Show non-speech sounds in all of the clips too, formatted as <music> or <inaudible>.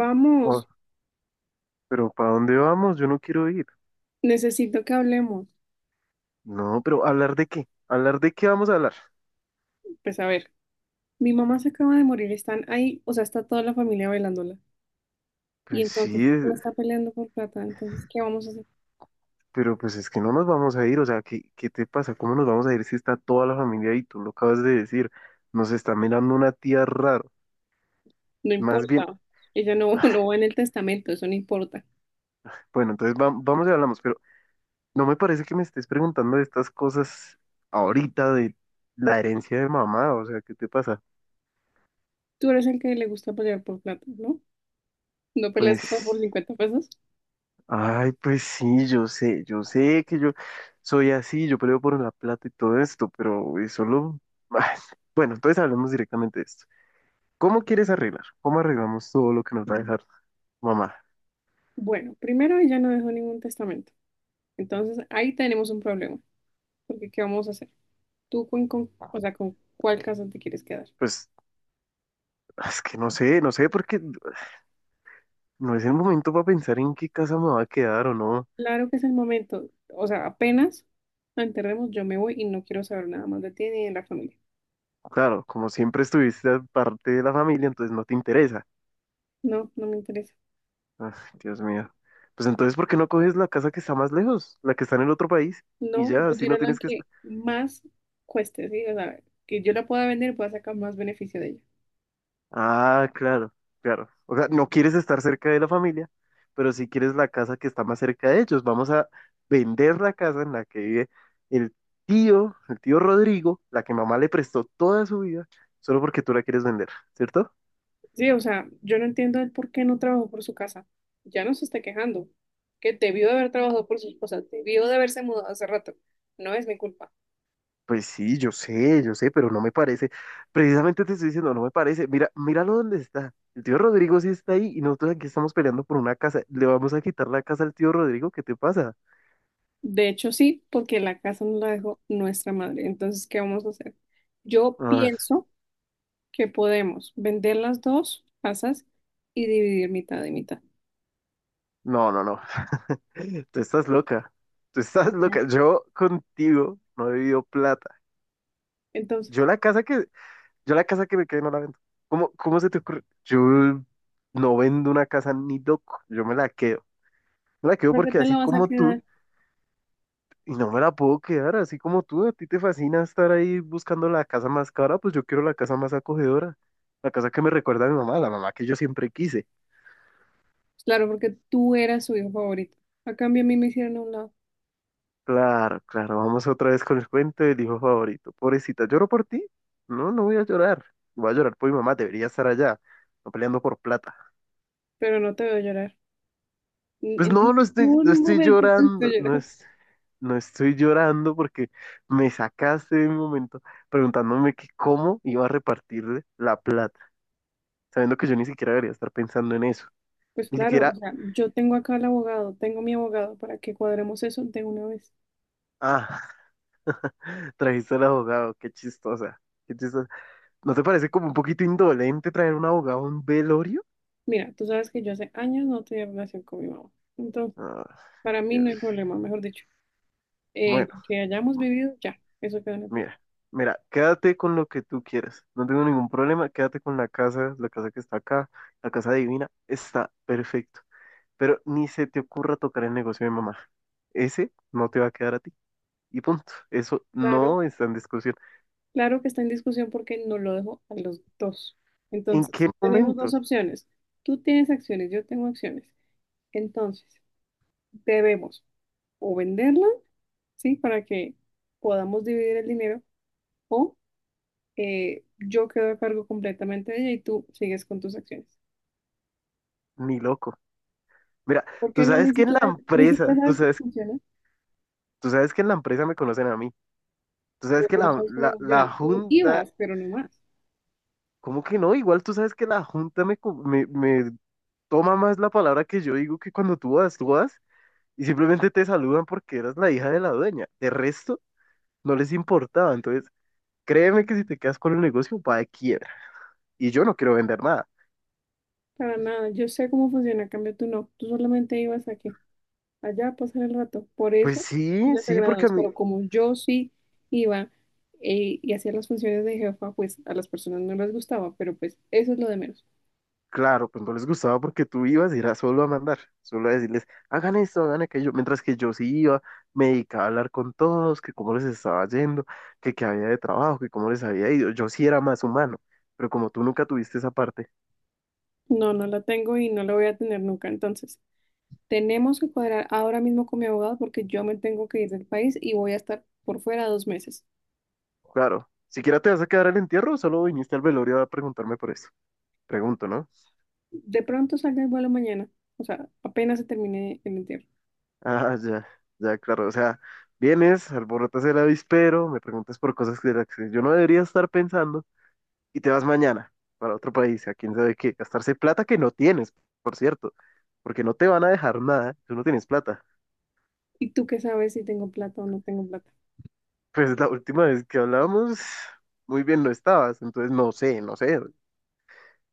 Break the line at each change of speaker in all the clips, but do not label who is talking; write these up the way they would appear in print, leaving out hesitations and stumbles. Vamos,
Oh, pero ¿para dónde vamos? Yo no quiero ir.
necesito que hablemos.
No, pero ¿hablar de qué? ¿Hablar de qué vamos a hablar?
Pues a ver, mi mamá se acaba de morir, están ahí, o sea, está toda la familia bailándola. Y
Pues
entonces
sí,
ella está peleando por plata, entonces, ¿qué vamos a hacer?
pero pues es que no nos vamos a ir. O sea, ¿qué te pasa? ¿Cómo nos vamos a ir si está toda la familia ahí? Tú lo acabas de decir. Nos está mirando una tía raro.
No
Más bien,
importa, ella no, <laughs> no va en el testamento, eso no importa.
bueno, entonces vamos y hablamos, pero no me parece que me estés preguntando de estas cosas ahorita de la herencia de mamá. O sea, ¿qué te pasa?
Tú eres el que le gusta pelear por plata, ¿no? ¿No peleas <laughs>
Pues.
por 50 pesos?
Ay, pues sí, yo sé que yo soy así, yo peleo por la plata y todo esto, pero es solo <laughs> ay, bueno, entonces hablemos directamente de esto. ¿Cómo quieres arreglar? ¿Cómo arreglamos todo lo que nos va a dejar mamá?
Bueno, primero ella no dejó ningún testamento, entonces ahí tenemos un problema, porque ¿qué vamos a hacer? ¿Tú o sea, con cuál casa te quieres quedar?
Pues es que no sé, porque no es el momento para pensar en qué casa me va a quedar o no.
Claro que es el momento. O sea, apenas la enterremos, yo me voy y no quiero saber nada más de ti ni de la familia.
Claro, como siempre estuviste parte de la familia, entonces no te interesa.
No, no me interesa.
Ay, Dios mío. Pues entonces, ¿por qué no coges la casa que está más lejos, la que está en el otro país? Y
No,
ya,
yo
así no
quiero la
tienes que
que
estar.
más cueste, ¿sí? O sea, que yo la pueda vender y pueda sacar más beneficio de ella.
Ah, claro. O sea, no quieres estar cerca de la familia, pero sí quieres la casa que está más cerca de ellos. Vamos a vender la casa en la que vive el el tío Rodrigo, la que mamá le prestó toda su vida, solo porque tú la quieres vender, ¿cierto?
Sí, o sea, yo no entiendo el por qué no trabajó por su casa. Ya no se está quejando. Que debió de haber trabajado por sus cosas, debió de haberse mudado hace rato. No es mi culpa.
Pues sí, yo sé, pero no me parece. Precisamente te estoy diciendo, no me parece. Mira, míralo dónde está. El tío Rodrigo sí está ahí y nosotros aquí estamos peleando por una casa. Le vamos a quitar la casa al tío Rodrigo, ¿qué te pasa?
De hecho, sí, porque la casa nos la dejó nuestra madre. Entonces, ¿qué vamos a hacer? Yo
Ah,
pienso que podemos vender las dos casas y dividir mitad y mitad.
no, no, no. Tú estás loca. Tú estás
¿Por qué?
loca. Yo contigo no he vivido plata. Yo
Entonces,
la casa que, yo la casa que me quedé no la vendo. ¿Cómo se te ocurre? Yo no vendo una casa ni loco. Yo me la quedo. Me la quedo
¿para qué
porque
te la
así
vas a
como tú,
quedar?
y no me la puedo quedar, así como tú, a ti te fascina estar ahí buscando la casa más cara, pues yo quiero la casa más acogedora. La casa que me recuerda a mi mamá, la mamá que yo siempre quise.
Claro, porque tú eras su hijo favorito. A cambio, a mí me hicieron a un lado,
Claro, claro, vamos otra vez con el cuento del hijo favorito. Pobrecita, ¿lloro por ti? No, no voy a llorar. Voy a llorar por mi mamá, debería estar allá, no peleando por plata.
pero no te veo llorar. En
Pues
en
no, no estoy, no
ningún
estoy
momento te estoy
llorando,
llorando.
no estoy llorando porque me sacaste de un momento preguntándome que cómo iba a repartirle la plata, sabiendo que yo ni siquiera debería estar pensando en eso.
Pues
Ni
claro, o
siquiera,
sea, yo tengo acá al abogado, tengo mi abogado para que cuadremos eso de una vez.
ah, <laughs> trajiste al abogado, qué chistosa. ¿No te parece como un poquito indolente traer un abogado a un velorio?
Mira, tú sabes que yo hace años no tenía relación con mi mamá, entonces.
Ah.
Para mí no
Dios.
hay problema, mejor dicho.
Bueno,
Lo que hayamos vivido, ya, eso queda en el pasado.
mira, mira, quédate con lo que tú quieras. No tengo ningún problema, quédate con la casa que está acá, la casa divina, está perfecto. Pero ni se te ocurra tocar el negocio de mamá. Ese no te va a quedar a ti. Y punto. Eso
Claro,
no está en discusión.
claro que está en discusión porque no lo dejo a los dos.
¿En qué
Entonces, tenemos
momento?
dos opciones. Tú tienes acciones, yo tengo acciones. Entonces, debemos o venderla, ¿sí? Para que podamos dividir el dinero, o yo quedo a cargo completamente de ella y tú sigues con tus acciones.
Ni loco. Mira,
¿Por
tú
qué no?
sabes que en la
Ni
empresa,
siquiera
tú
sabes cómo
sabes,
funciona,
tú sabes que en la empresa me conocen a mí. Tú sabes
pero
que
tú no
la,
sabes cómo
la, la
funciona. Tú
junta,
ibas, pero no más.
¿cómo que no? Igual tú sabes que la junta me toma más la palabra que yo digo que cuando tú vas y simplemente te saludan porque eras la hija de la dueña. De resto, no les importaba. Entonces, créeme que si te quedas con el negocio, va de quiebra. Y yo no quiero vender nada.
Para nada, yo sé cómo funciona, en cambio tú no. Tú solamente ibas a qué, allá a pasar el rato. Por
Pues
eso tú
sí,
les
sí, porque a
agradabas,
mí,
pero como yo sí iba, y hacía las funciones de jefa, pues a las personas no les gustaba, pero pues eso es lo de menos.
claro, pues no les gustaba porque tú ibas y era solo a mandar, solo a decirles, hagan esto, hagan aquello. Mientras que yo sí iba, me dedicaba a hablar con todos, que cómo les estaba yendo, que qué había de trabajo, que cómo les había ido. Yo sí era más humano, pero como tú nunca tuviste esa parte,
No, no la tengo y no la voy a tener nunca. Entonces, tenemos que cuadrar ahora mismo con mi abogado porque yo me tengo que ir del país y voy a estar por fuera 2 meses.
claro. ¿Siquiera te vas a quedar al entierro o solo viniste al velorio a preguntarme por eso? Pregunto, ¿no? <laughs>
De pronto salga el vuelo mañana, o sea, apenas se termine el entierro.
Ah, ya, ya, claro. O sea, vienes, alborotas el avispero, me preguntas por cosas que de las que yo no debería estar pensando y te vas mañana para otro país, a quién sabe qué, gastarse plata que no tienes, por cierto, porque no te van a dejar nada, tú no tienes plata.
¿Y tú qué sabes si tengo plata o no tengo plata?
Pues la última vez que hablábamos, muy bien no estabas, entonces no sé.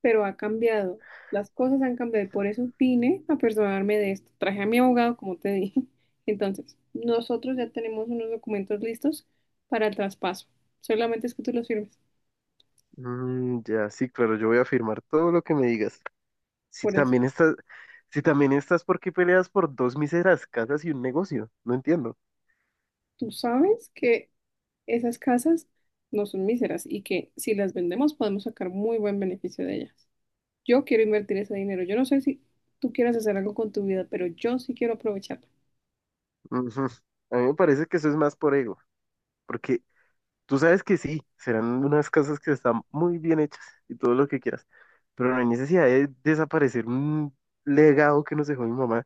Pero ha cambiado. Las cosas han cambiado y por eso vine a personarme de esto. Traje a mi abogado, como te dije. <laughs> Entonces, nosotros ya tenemos unos documentos listos para el traspaso. Solamente es que tú los firmes.
Mm, ya, sí, claro, yo voy a firmar todo lo que me digas. Si
Por eso,
también estás, si también estás, ¿por qué peleas por dos míseras casas y un negocio? No entiendo.
tú sabes que esas casas no son míseras y que si las vendemos podemos sacar muy buen beneficio de ellas. Yo quiero invertir ese dinero. Yo no sé si tú quieras hacer algo con tu vida, pero yo sí quiero aprovecharla.
Ujú. A mí me parece que eso es más por ego, porque tú sabes que sí, serán unas casas que están muy bien hechas y todo lo que quieras, pero no hay necesidad de desaparecer un legado que nos dejó mi mamá,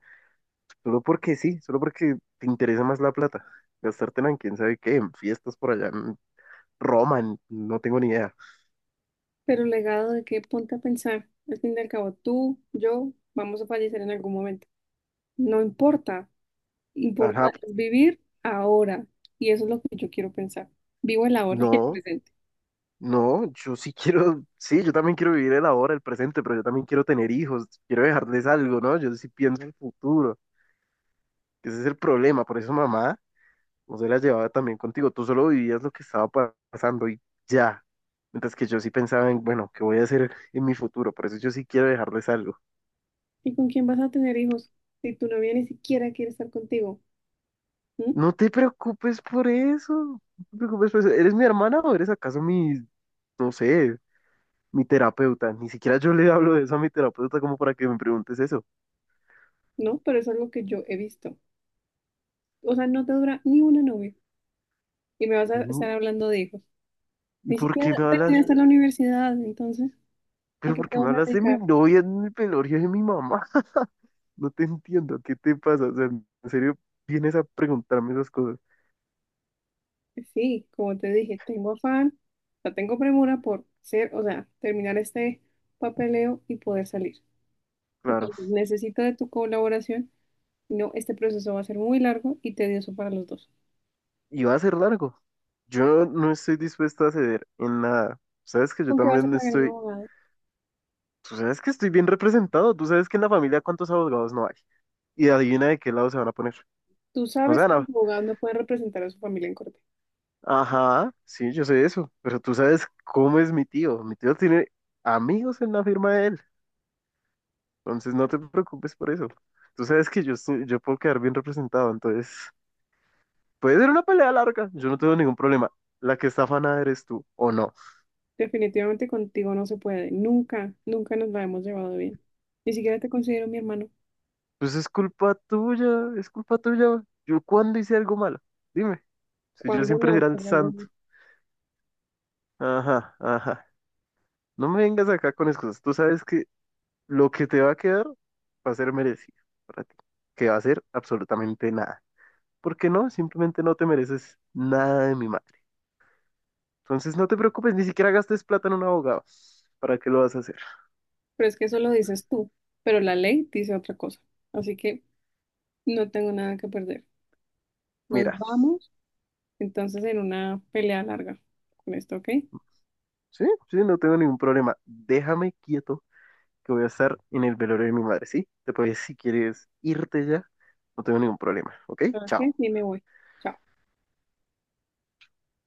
solo porque sí, solo porque te interesa más la plata. Gastártela en quién sabe qué, en fiestas por allá, en Roma, no tengo ni idea.
Pero legado de qué, ponte a pensar. Al fin y al cabo, tú, yo, vamos a fallecer en algún momento. No importa. Importa
Ajá,
es vivir ahora. Y eso es lo que yo quiero pensar. Vivo el ahora y el
no.
presente.
No, yo sí quiero, sí, yo también quiero vivir el ahora, el presente, pero yo también quiero tener hijos, quiero dejarles algo, ¿no? Yo sí pienso en el futuro, que ese es el problema, por eso mamá no se la llevaba también contigo, tú solo vivías lo que estaba pasando y ya, mientras que yo sí pensaba en, bueno, ¿qué voy a hacer en mi futuro? Por eso yo sí quiero dejarles algo.
¿Y con quién vas a tener hijos si tu novia ni siquiera quiere estar contigo? ¿Mm?
No te preocupes por eso, no te preocupes por eso, ¿eres mi hermana o eres acaso mi, no sé, mi terapeuta? Ni siquiera yo le hablo de eso a mi terapeuta como para que me preguntes eso.
No, pero eso es lo que yo he visto. O sea, no te dura ni una novia. Y me vas a estar hablando de hijos. Ni
¿Por
siquiera
qué me hablas?
terminaste la universidad, entonces, ¿a
Pero
qué
¿por
te
qué me
vas a
hablas de mi
dedicar?
novia, de mi velorio, de mi mamá? No te entiendo, ¿qué te pasa? O sea, en serio, vienes a preguntarme esas cosas.
Sí, como te dije, tengo afán, la tengo premura por ser, o sea, terminar este papeleo y poder salir.
Claro,
Entonces, necesito de tu colaboración, si no, este proceso va a ser muy largo y tedioso para los dos.
y va a ser largo. Yo no estoy dispuesto a ceder en nada. Sabes que yo
¿Con qué vas a
también
pagar un
estoy,
abogado?
tú sabes que estoy bien representado, tú sabes que en la familia cuántos abogados no hay. Y adivina de qué lado se van a poner.
Tú
No se
sabes
van
que el
a...
abogado no puede representar a su familia en corte.
Ajá, sí, yo sé eso, pero tú sabes cómo es mi tío. Mi tío tiene amigos en la firma de él. Entonces no te preocupes por eso. Tú sabes que yo estoy, yo puedo quedar bien representado, entonces puede ser una pelea larga, yo no tengo ningún problema. La que está afanada eres tú, o no.
Definitivamente contigo no se puede, nunca, nunca nos la hemos llevado bien. Ni siquiera te considero mi hermano.
Pues es culpa tuya. ¿Yo cuándo hice algo malo? Dime, si yo
¿Cuándo
siempre
no?
era
Qué
el
raro.
santo.
¿No?
Ajá, ajá. No me vengas acá con excusas. Tú sabes que lo que te va a quedar va a ser merecido para ti, que va a ser absolutamente nada. ¿Por qué no? Simplemente no te mereces nada de mi madre. Entonces no te preocupes, ni siquiera gastes plata en un abogado. ¿Para qué lo vas a hacer?
Pero es que eso lo dices tú, pero la ley dice otra cosa. Así que no tengo nada que perder. Nos
Mira,
vamos entonces en una pelea larga con esto, ¿ok?
sí, no tengo ningún problema. Déjame quieto que voy a estar en el velorio de mi madre, ¿sí? Te puedes, si quieres irte ya, no tengo ningún problema, ¿ok?
¿Sabes qué?
Chao.
Sí, me voy. Chao.